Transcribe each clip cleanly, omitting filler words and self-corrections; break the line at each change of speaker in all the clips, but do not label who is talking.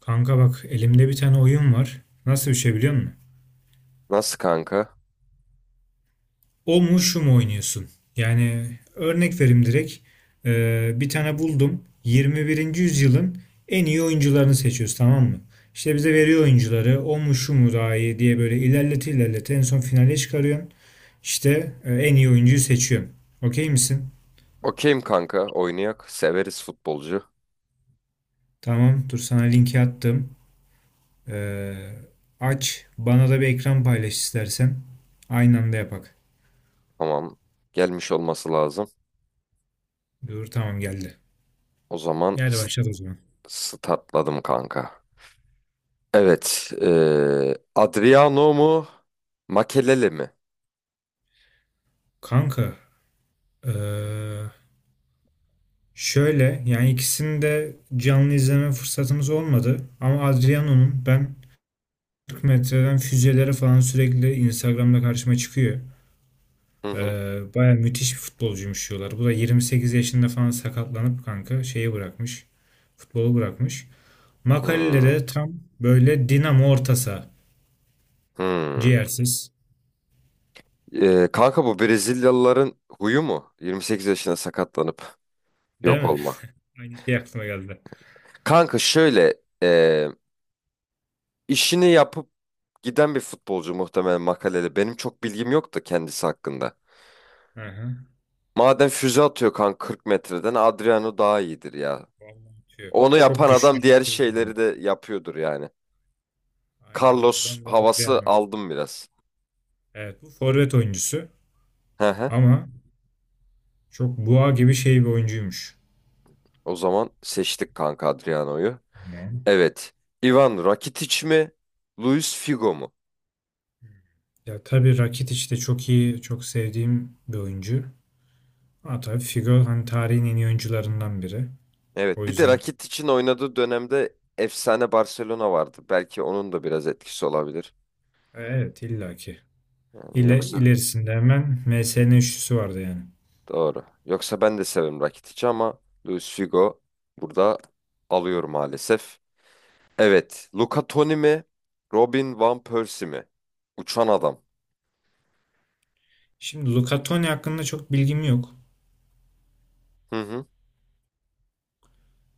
Kanka bak elimde bir tane oyun var. Nasıl bir şey biliyor musun?
Nasıl kanka?
O mu şu mu oynuyorsun? Yani örnek vereyim direkt. Bir tane buldum. 21. yüzyılın en iyi oyuncularını seçiyoruz, tamam mı? İşte bize veriyor oyuncuları. O mu şu mu daha iyi diye böyle ilerlete ilerlete en son finale çıkarıyorsun. İşte en iyi oyuncuyu seçiyorsun. Okey misin?
Okeyim kanka. Oynayak. Severiz futbolcu.
Tamam dur, sana linki attım. Ee, Aç bana da bir ekran paylaş istersen. Aynı anda yapak.
Tamam. Gelmiş olması lazım.
Dur tamam, geldi.
O zaman
Yani başladı o zaman.
statladım kanka. Evet. Adriano mu? Makelele mi?
Kanka, eee, şöyle yani ikisini de canlı izleme fırsatımız olmadı. Ama Adriano'nun ben 40 metreden füzelere falan sürekli Instagram'da karşıma çıkıyor.
Hı hı.
Baya müthiş bir futbolcuymuş diyorlar. Bu da 28 yaşında falan sakatlanıp kanka şeyi bırakmış. Futbolu bırakmış. Makalede
Hmm,
de tam böyle dinamo orta saha.
hmm.
Ciğersiz.
Kanka bu Brezilyalıların huyu mu? 28 yaşında sakatlanıp
Değil
yok
mi?
olmak.
Aynı şey aklıma geldi.
Kanka şöyle işini yapıp giden bir futbolcu muhtemelen Makelele. Benim çok bilgim yok da kendisi hakkında.
Aha.
Madem füze atıyor kan 40 metreden Adriano daha iyidir ya.
Vallahi atıyor.
Onu
Çok
yapan
güçlü
adam diğer
bir şey bu.
şeyleri de yapıyordur yani.
Aynen öyle.
Carlos
Ben de
havası
Adriano.
aldım biraz.
Evet, bu forvet oyuncusu
Hı hı.
ama çok boğa gibi şey bir oyuncuymuş.
O zaman seçtik kanka Adriano'yu.
Tamam.
Evet. Ivan Rakitic mi? Luis Figo mu?
Ya tabii Rakitic de çok iyi, çok sevdiğim bir oyuncu. Ama tabii Figo hani tarihin en iyi oyuncularından biri.
Evet.
O
Bir de
yüzden
Rakitic'in oynadığı dönemde efsane Barcelona vardı. Belki onun da biraz etkisi olabilir.
evet, illaki.
Yani yoksa
İlerisinde hemen MSN üçlüsü vardı yani.
doğru. Yoksa ben de severim Rakitic'i ama Luis Figo burada alıyor maalesef. Evet. Luca Toni mi? Robin Van Persie mi? Uçan adam.
Şimdi Luca Toni hakkında çok bilgim yok.
Hı hı.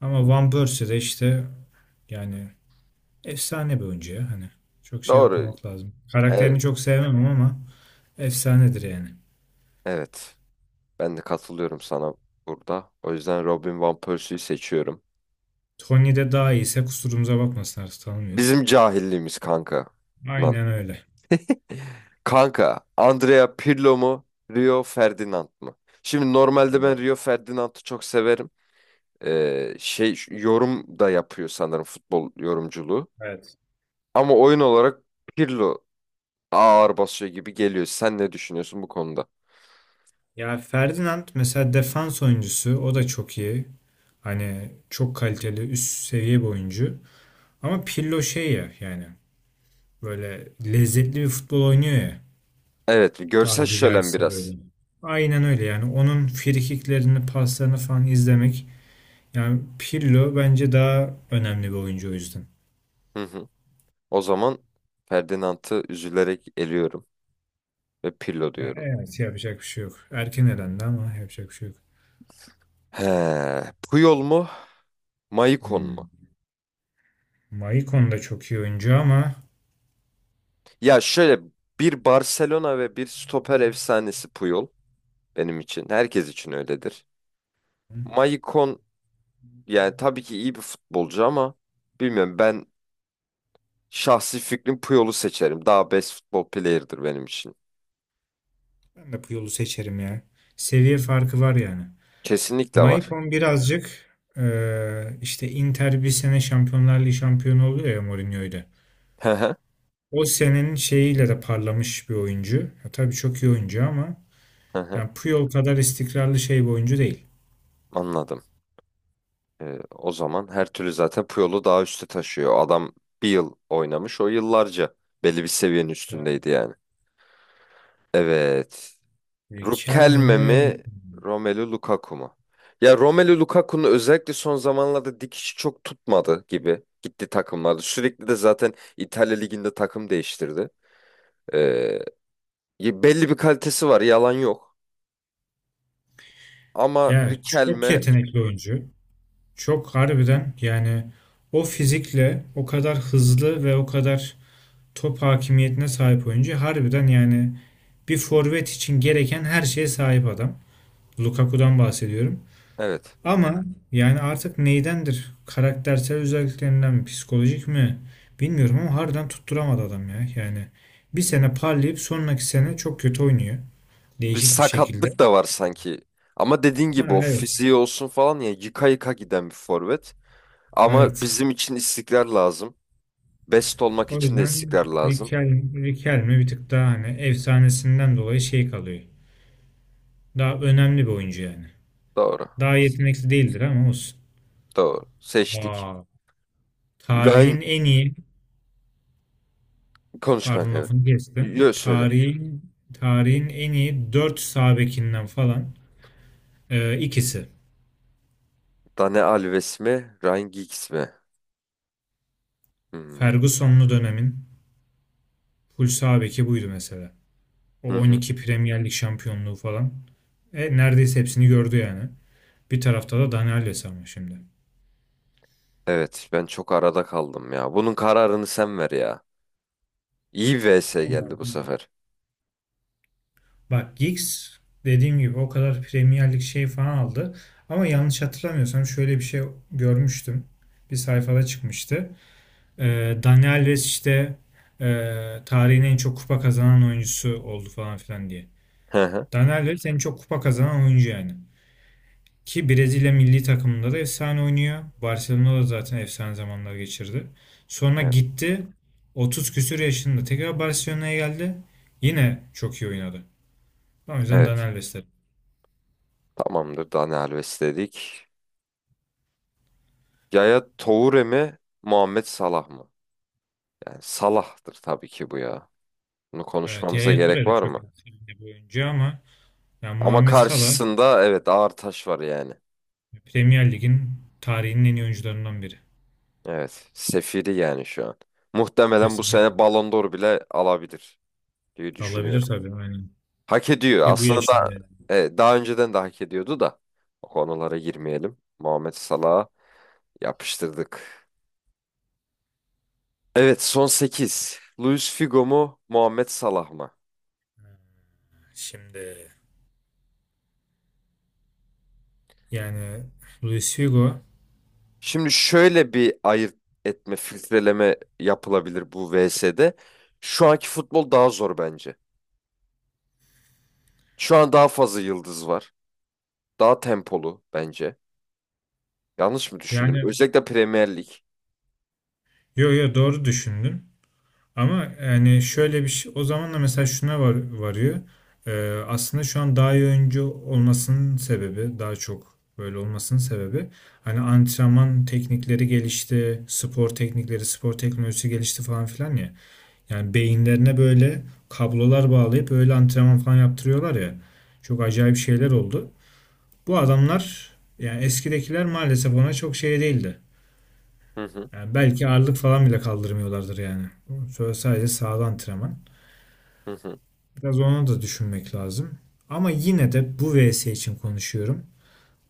Ama Van Persie de işte yani efsane bir oyuncu ya. Hani çok şey
Doğru.
yapmamak lazım.
Evet.
Karakterini çok sevmem ama efsanedir yani.
Evet. Ben de katılıyorum sana burada. O yüzden Robin Van Persie'yi seçiyorum.
Tony'de daha iyiyse kusurumuza bakmasın, artık tanımıyoruz.
Bizim cahilliğimiz kanka. Lan.
Aynen öyle.
Kanka, Andrea Pirlo mu? Rio Ferdinand mı? Şimdi normalde ben Rio Ferdinand'ı çok severim. Şey şu- yorum da yapıyor sanırım futbol yorumculuğu.
Evet.
Ama oyun olarak Pirlo ağır basıyor gibi geliyor. Sen ne düşünüyorsun bu konuda?
Ya Ferdinand mesela defans oyuncusu, o da çok iyi. Hani çok kaliteli üst seviye bir oyuncu. Ama Pirlo şey ya yani böyle lezzetli bir futbol oynuyor ya,
Evet, görsel
tabiri
şölen
caizse böyle.
biraz.
Aynen öyle, yani onun frikiklerini paslarını falan izlemek, yani Pirlo bence daha önemli bir oyuncu o yüzden.
Hı hı. O zaman Ferdinand'ı üzülerek eliyorum ve Pirlo diyorum.
Evet, yapacak bir şey yok. Erken elendi ama yapacak bir şey yok.
He, Puyol mu, Maicon mu?
Hmm. Maicon da çok iyi oyuncu ama
Ya şöyle bir Barcelona ve bir stoper efsanesi Puyol benim için. Herkes için öyledir. Maicon yani tabii ki iyi bir futbolcu ama bilmiyorum ben şahsi fikrim Puyol'u seçerim. Daha best futbol player'dır benim için.
ben de Puyol'u seçerim ya. Seviye farkı var yani.
Kesinlikle var.
Maicon birazcık işte Inter bir sene Şampiyonlar Ligi şampiyonu oluyor ya Mourinho'yla.
Hı hı,
O senenin şeyiyle de parlamış bir oyuncu. Ya, tabii çok iyi oyuncu ama
hı hı.
yani Puyol kadar istikrarlı şey bir oyuncu değil.
Anladım. E, o zaman her türlü zaten Puyol'u daha üste taşıyor. Adam bir yıl oynamış. O yıllarca belli bir seviyenin üstündeydi yani. Evet.
Yani Kelme
Riquelme
mi?
mi? Romelu Lukaku mu? Ya Romelu Lukaku'nun özellikle son zamanlarda dikişi çok tutmadı gibi. Gitti takımlarda. Sürekli de zaten İtalya Ligi'nde takım değiştirdi. Ee, ya belli bir kalitesi var. Yalan yok. Ama
Ya çok
Riquelme
yetenekli oyuncu. Çok harbiden yani o fizikle o kadar hızlı ve o kadar top hakimiyetine sahip oyuncu. Harbiden yani bir forvet için gereken her şeye sahip adam. Lukaku'dan bahsediyorum.
evet.
Ama yani artık neydendir? Karaktersel özelliklerinden mi, psikolojik mi? Bilmiyorum ama harbiden tutturamadı adam ya. Yani bir sene parlayıp sonraki sene çok kötü oynuyor.
Bir
Değişik bir şekilde.
sakatlık da var sanki. Ama dediğin gibi
Ha,
o
evet.
fiziği olsun falan ya yıka yıka giden bir forvet. Ama
Evet.
bizim için istikrar lazım. Best olmak
O
için de
yüzden
istikrar lazım.
Riquelme bir tık daha hani efsanesinden dolayı şey kalıyor. Daha önemli bir oyuncu yani.
Doğru.
Daha yetenekli değildir ama olsun.
Doğru. Seçtik.
Aa,
Ryan
tarihin en iyi,
konuş
pardon
kanka evet.
lafını kestim.
Yo söyle.
Tarihin en iyi 4 sağ bekinden falan ikisi.
Dani Alves mi? Ryan Giggs mi? Hmm.
Ferguson'lu dönemin full sağ beki buydu mesela. O
Hı hı.
12 Premier Lig şampiyonluğu falan. Neredeyse hepsini gördü yani. Bir tarafta da Dani Alves ama şimdi.
Evet ben çok arada kaldım ya. Bunun kararını sen ver ya. İyi bir vs geldi
Vallahi
bu
bilmiyorum.
sefer.
Bak Giggs dediğim gibi o kadar Premier Lig şey falan aldı. Ama yanlış hatırlamıyorsam şöyle bir şey görmüştüm. Bir sayfada çıkmıştı. Dani Alves işte e, tarihin en çok kupa kazanan oyuncusu oldu falan filan diye.
Hı hı.
Dani Alves en çok kupa kazanan oyuncu yani. Ki Brezilya milli takımında da efsane oynuyor. Barcelona'da zaten efsane zamanlar geçirdi. Sonra
Evet.
gitti 30 küsür yaşında tekrar Barcelona'ya geldi. Yine çok iyi oynadı. O yüzden Dani
Evet.
Alves derim.
Tamamdır Dani Alves dedik. Yaya Toure mi, Muhammed Salah mı? Yani Salah'tır tabii ki bu ya. Bunu
Evet,
konuşmamıza
Yaya
gerek
Toure de
var
çok
mı?
iyi bir oyuncu ama yani
Ama
Muhammed Salah
karşısında evet ağır taş var yani.
Premier Lig'in tarihinin en iyi oyuncularından biri.
Evet, sefiri yani şu an. Muhtemelen bu
Kesinlikle.
sene Ballon d'Or bile alabilir diye
Olabilir
düşünüyorum.
tabii, aynen.
Hak ediyor.
Ki bu ya
Aslında da,
şimdi.
daha önceden de hak ediyordu da. O konulara girmeyelim. Muhammed Salah'a yapıştırdık. Evet, son 8. Luis Figo mu, Muhammed Salah mı?
Şimdi yani Luis Figo,
Şimdi şöyle bir ayırt etme, filtreleme yapılabilir bu VS'de. Şu anki futbol daha zor bence. Şu an daha fazla yıldız var. Daha tempolu bence. Yanlış mı düşündün?
yani
Özellikle Premier Lig.
yo yo doğru düşündün. Ama yani şöyle bir şey, o zaman da mesela şuna varıyor. Aslında şu an daha iyi oyuncu olmasının sebebi, daha çok böyle olmasının sebebi hani antrenman teknikleri gelişti, spor teknikleri, spor teknolojisi gelişti falan filan ya. Yani beyinlerine böyle kablolar bağlayıp öyle antrenman falan yaptırıyorlar ya. Çok acayip şeyler oldu. Bu adamlar yani eskidekiler maalesef ona çok şey değildi.
Hı hı,
Yani belki ağırlık falan bile kaldırmıyorlardır yani. Sonra sadece sağda antrenman.
hı hı.
Biraz onu da düşünmek lazım. Ama yine de bu vs için konuşuyorum.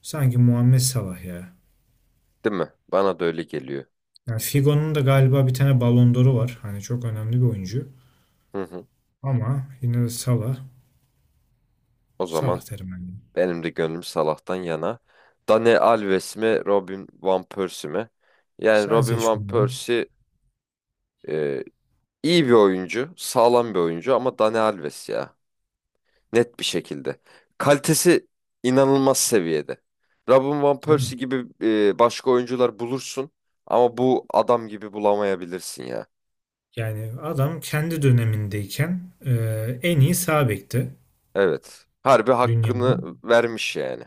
Sanki Muhammed Salah ya.
Değil mi? Bana da öyle geliyor.
Yani Figo'nun da galiba bir tane Ballon d'Or'u var. Hani çok önemli bir oyuncu.
Hı hı.
Ama yine de Salah.
O
Salah
zaman
derim ben, yine.
benim de gönlüm Salah'tan yana. Dani Alves mi, Robin Van Persie mi? Yani
Sen
Robin
seç
Van
bunu.
Persie e, iyi bir oyuncu, sağlam bir oyuncu ama Dani Alves ya. Net bir şekilde. Kalitesi inanılmaz seviyede. Robin Van
Değil mi?
Persie gibi başka oyuncular bulursun ama bu adam gibi bulamayabilirsin ya.
Yani adam kendi dönemindeyken e, en iyi sağ bekti
Evet. Harbi hakkını
dünyanın.
vermiş yani.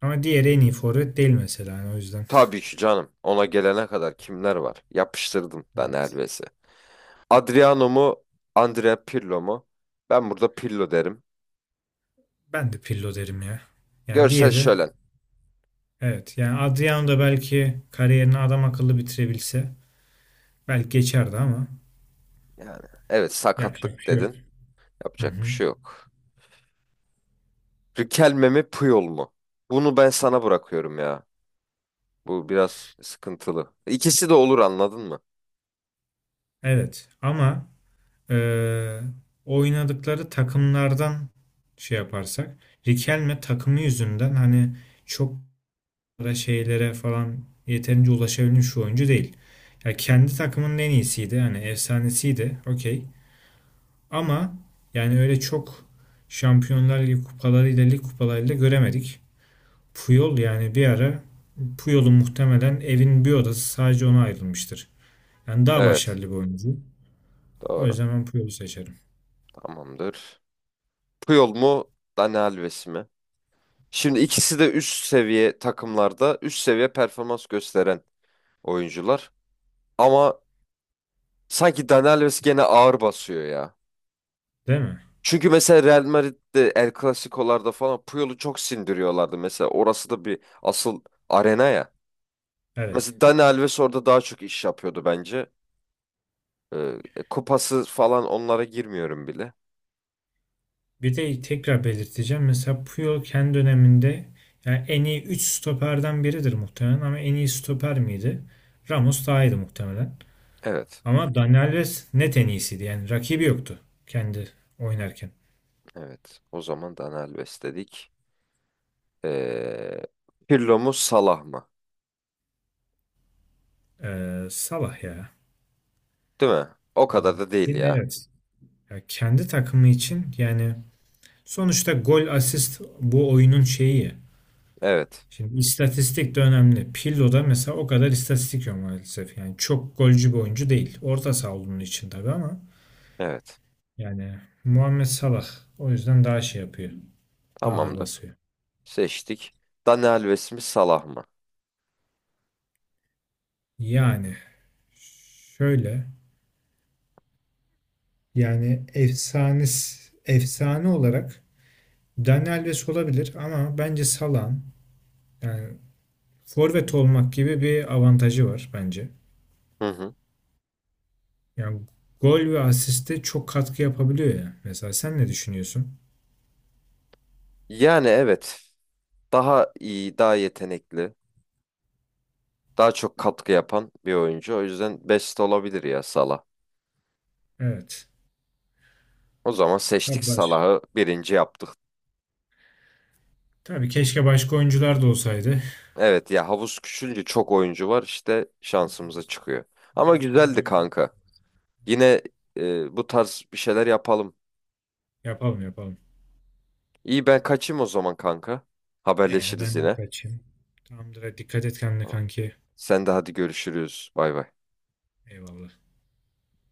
Ama diğeri en iyi forvet değil mesela yani o yüzden.
Tabii ki canım. Ona gelene kadar kimler var? Yapıştırdım ben
Evet.
Elves'i. Adriano mu? Andrea Pirlo mu? Ben burada Pirlo derim.
Ben de Pirlo derim ya. Yani
Görsel
diğeri,
şölen.
evet yani Adriano da belki kariyerini adam akıllı bitirebilse belki geçerdi ama
Yani evet
yapacak bir
sakatlık
şey yok.
dedin.
Hı
Yapacak bir
hı.
şey yok. Riquelme mi Puyol mu? Bunu ben sana bırakıyorum ya. Bu biraz sıkıntılı. İkisi de olur anladın mı?
Evet ama eee, oynadıkları takımlardan şey yaparsak Riquelme takımı yüzünden hani çok da şeylere falan yeterince ulaşabilmiş şu oyuncu değil. Ya kendi takımının en iyisiydi. Hani efsanesiydi. Okey. Ama yani öyle çok Şampiyonlar Ligi kupalarıyla, lig kupalarıyla göremedik. Puyol yani bir ara, Puyol'un muhtemelen evin bir odası sadece ona ayrılmıştır. Yani daha
Evet.
başarılı bir oyuncu. O
Doğru.
yüzden ben Puyol'u seçerim.
Tamamdır. Puyol mu? Dani Alves mi? Şimdi ikisi de üst seviye takımlarda üst seviye performans gösteren oyuncular. Ama sanki Dani Alves gene ağır basıyor ya.
Değil mi?
Çünkü mesela Real Madrid'de El Clasico'larda falan Puyol'u çok sindiriyorlardı. Mesela orası da bir asıl arena ya.
Evet.
Mesela Dani Alves orada daha çok iş yapıyordu bence. Ee, kupası falan onlara girmiyorum bile.
Bir de tekrar belirteceğim. Mesela Puyol kendi döneminde yani en iyi 3 stoperden biridir muhtemelen ama en iyi stoper miydi? Ramos daha iyiydi muhtemelen.
Evet.
Ama Dani Alves net en iyisiydi. Yani rakibi yoktu kendi oynarken.
Evet. O zaman Daniel besledik. Ee, Pirlo mu Salah mı?
Salah ya.
Değil mi? O kadar da değil
Yine
ya.
evet. Ya kendi takımı için yani sonuçta gol asist bu oyunun şeyi ya.
Evet.
Şimdi istatistik de önemli. Pirlo'da mesela o kadar istatistik yok maalesef. Yani çok golcü bir oyuncu değil. Orta saha olduğunun için tabii ama
Evet.
yani Muhammed Salah o yüzden daha şey yapıyor. Daha ağır
Tamamdır.
basıyor.
Seçtik. Dani Alves mi Salah mı?
Yani şöyle, yani efsane olarak Daniel Alves olabilir ama bence Salah'ın yani forvet olmak gibi bir avantajı var bence.
Hı hı.
Yani gol ve asiste çok katkı yapabiliyor ya. Mesela sen ne düşünüyorsun?
Yani evet. Daha iyi, daha yetenekli, daha çok katkı yapan bir oyuncu. O yüzden best olabilir ya Salah.
Evet.
O zaman seçtik
Tabii baş.
Salah'ı birinci yaptık.
Tabii keşke başka oyuncular da olsaydı.
Evet ya havuz küçülünce çok oyuncu var işte
Evet.
şansımıza çıkıyor.
Bir
Ama
dahakine daha
güzeldi
büyük
kanka.
yaparız. Evet.
Yine bu tarz bir şeyler yapalım.
Yapalım yapalım.
İyi ben kaçayım o zaman kanka.
Eğer
Haberleşiriz
ben de
yine.
kaçayım. Tamamdır. Hadi dikkat et kendine kanki.
Sen de hadi görüşürüz. Bay bay.
Eyvallah.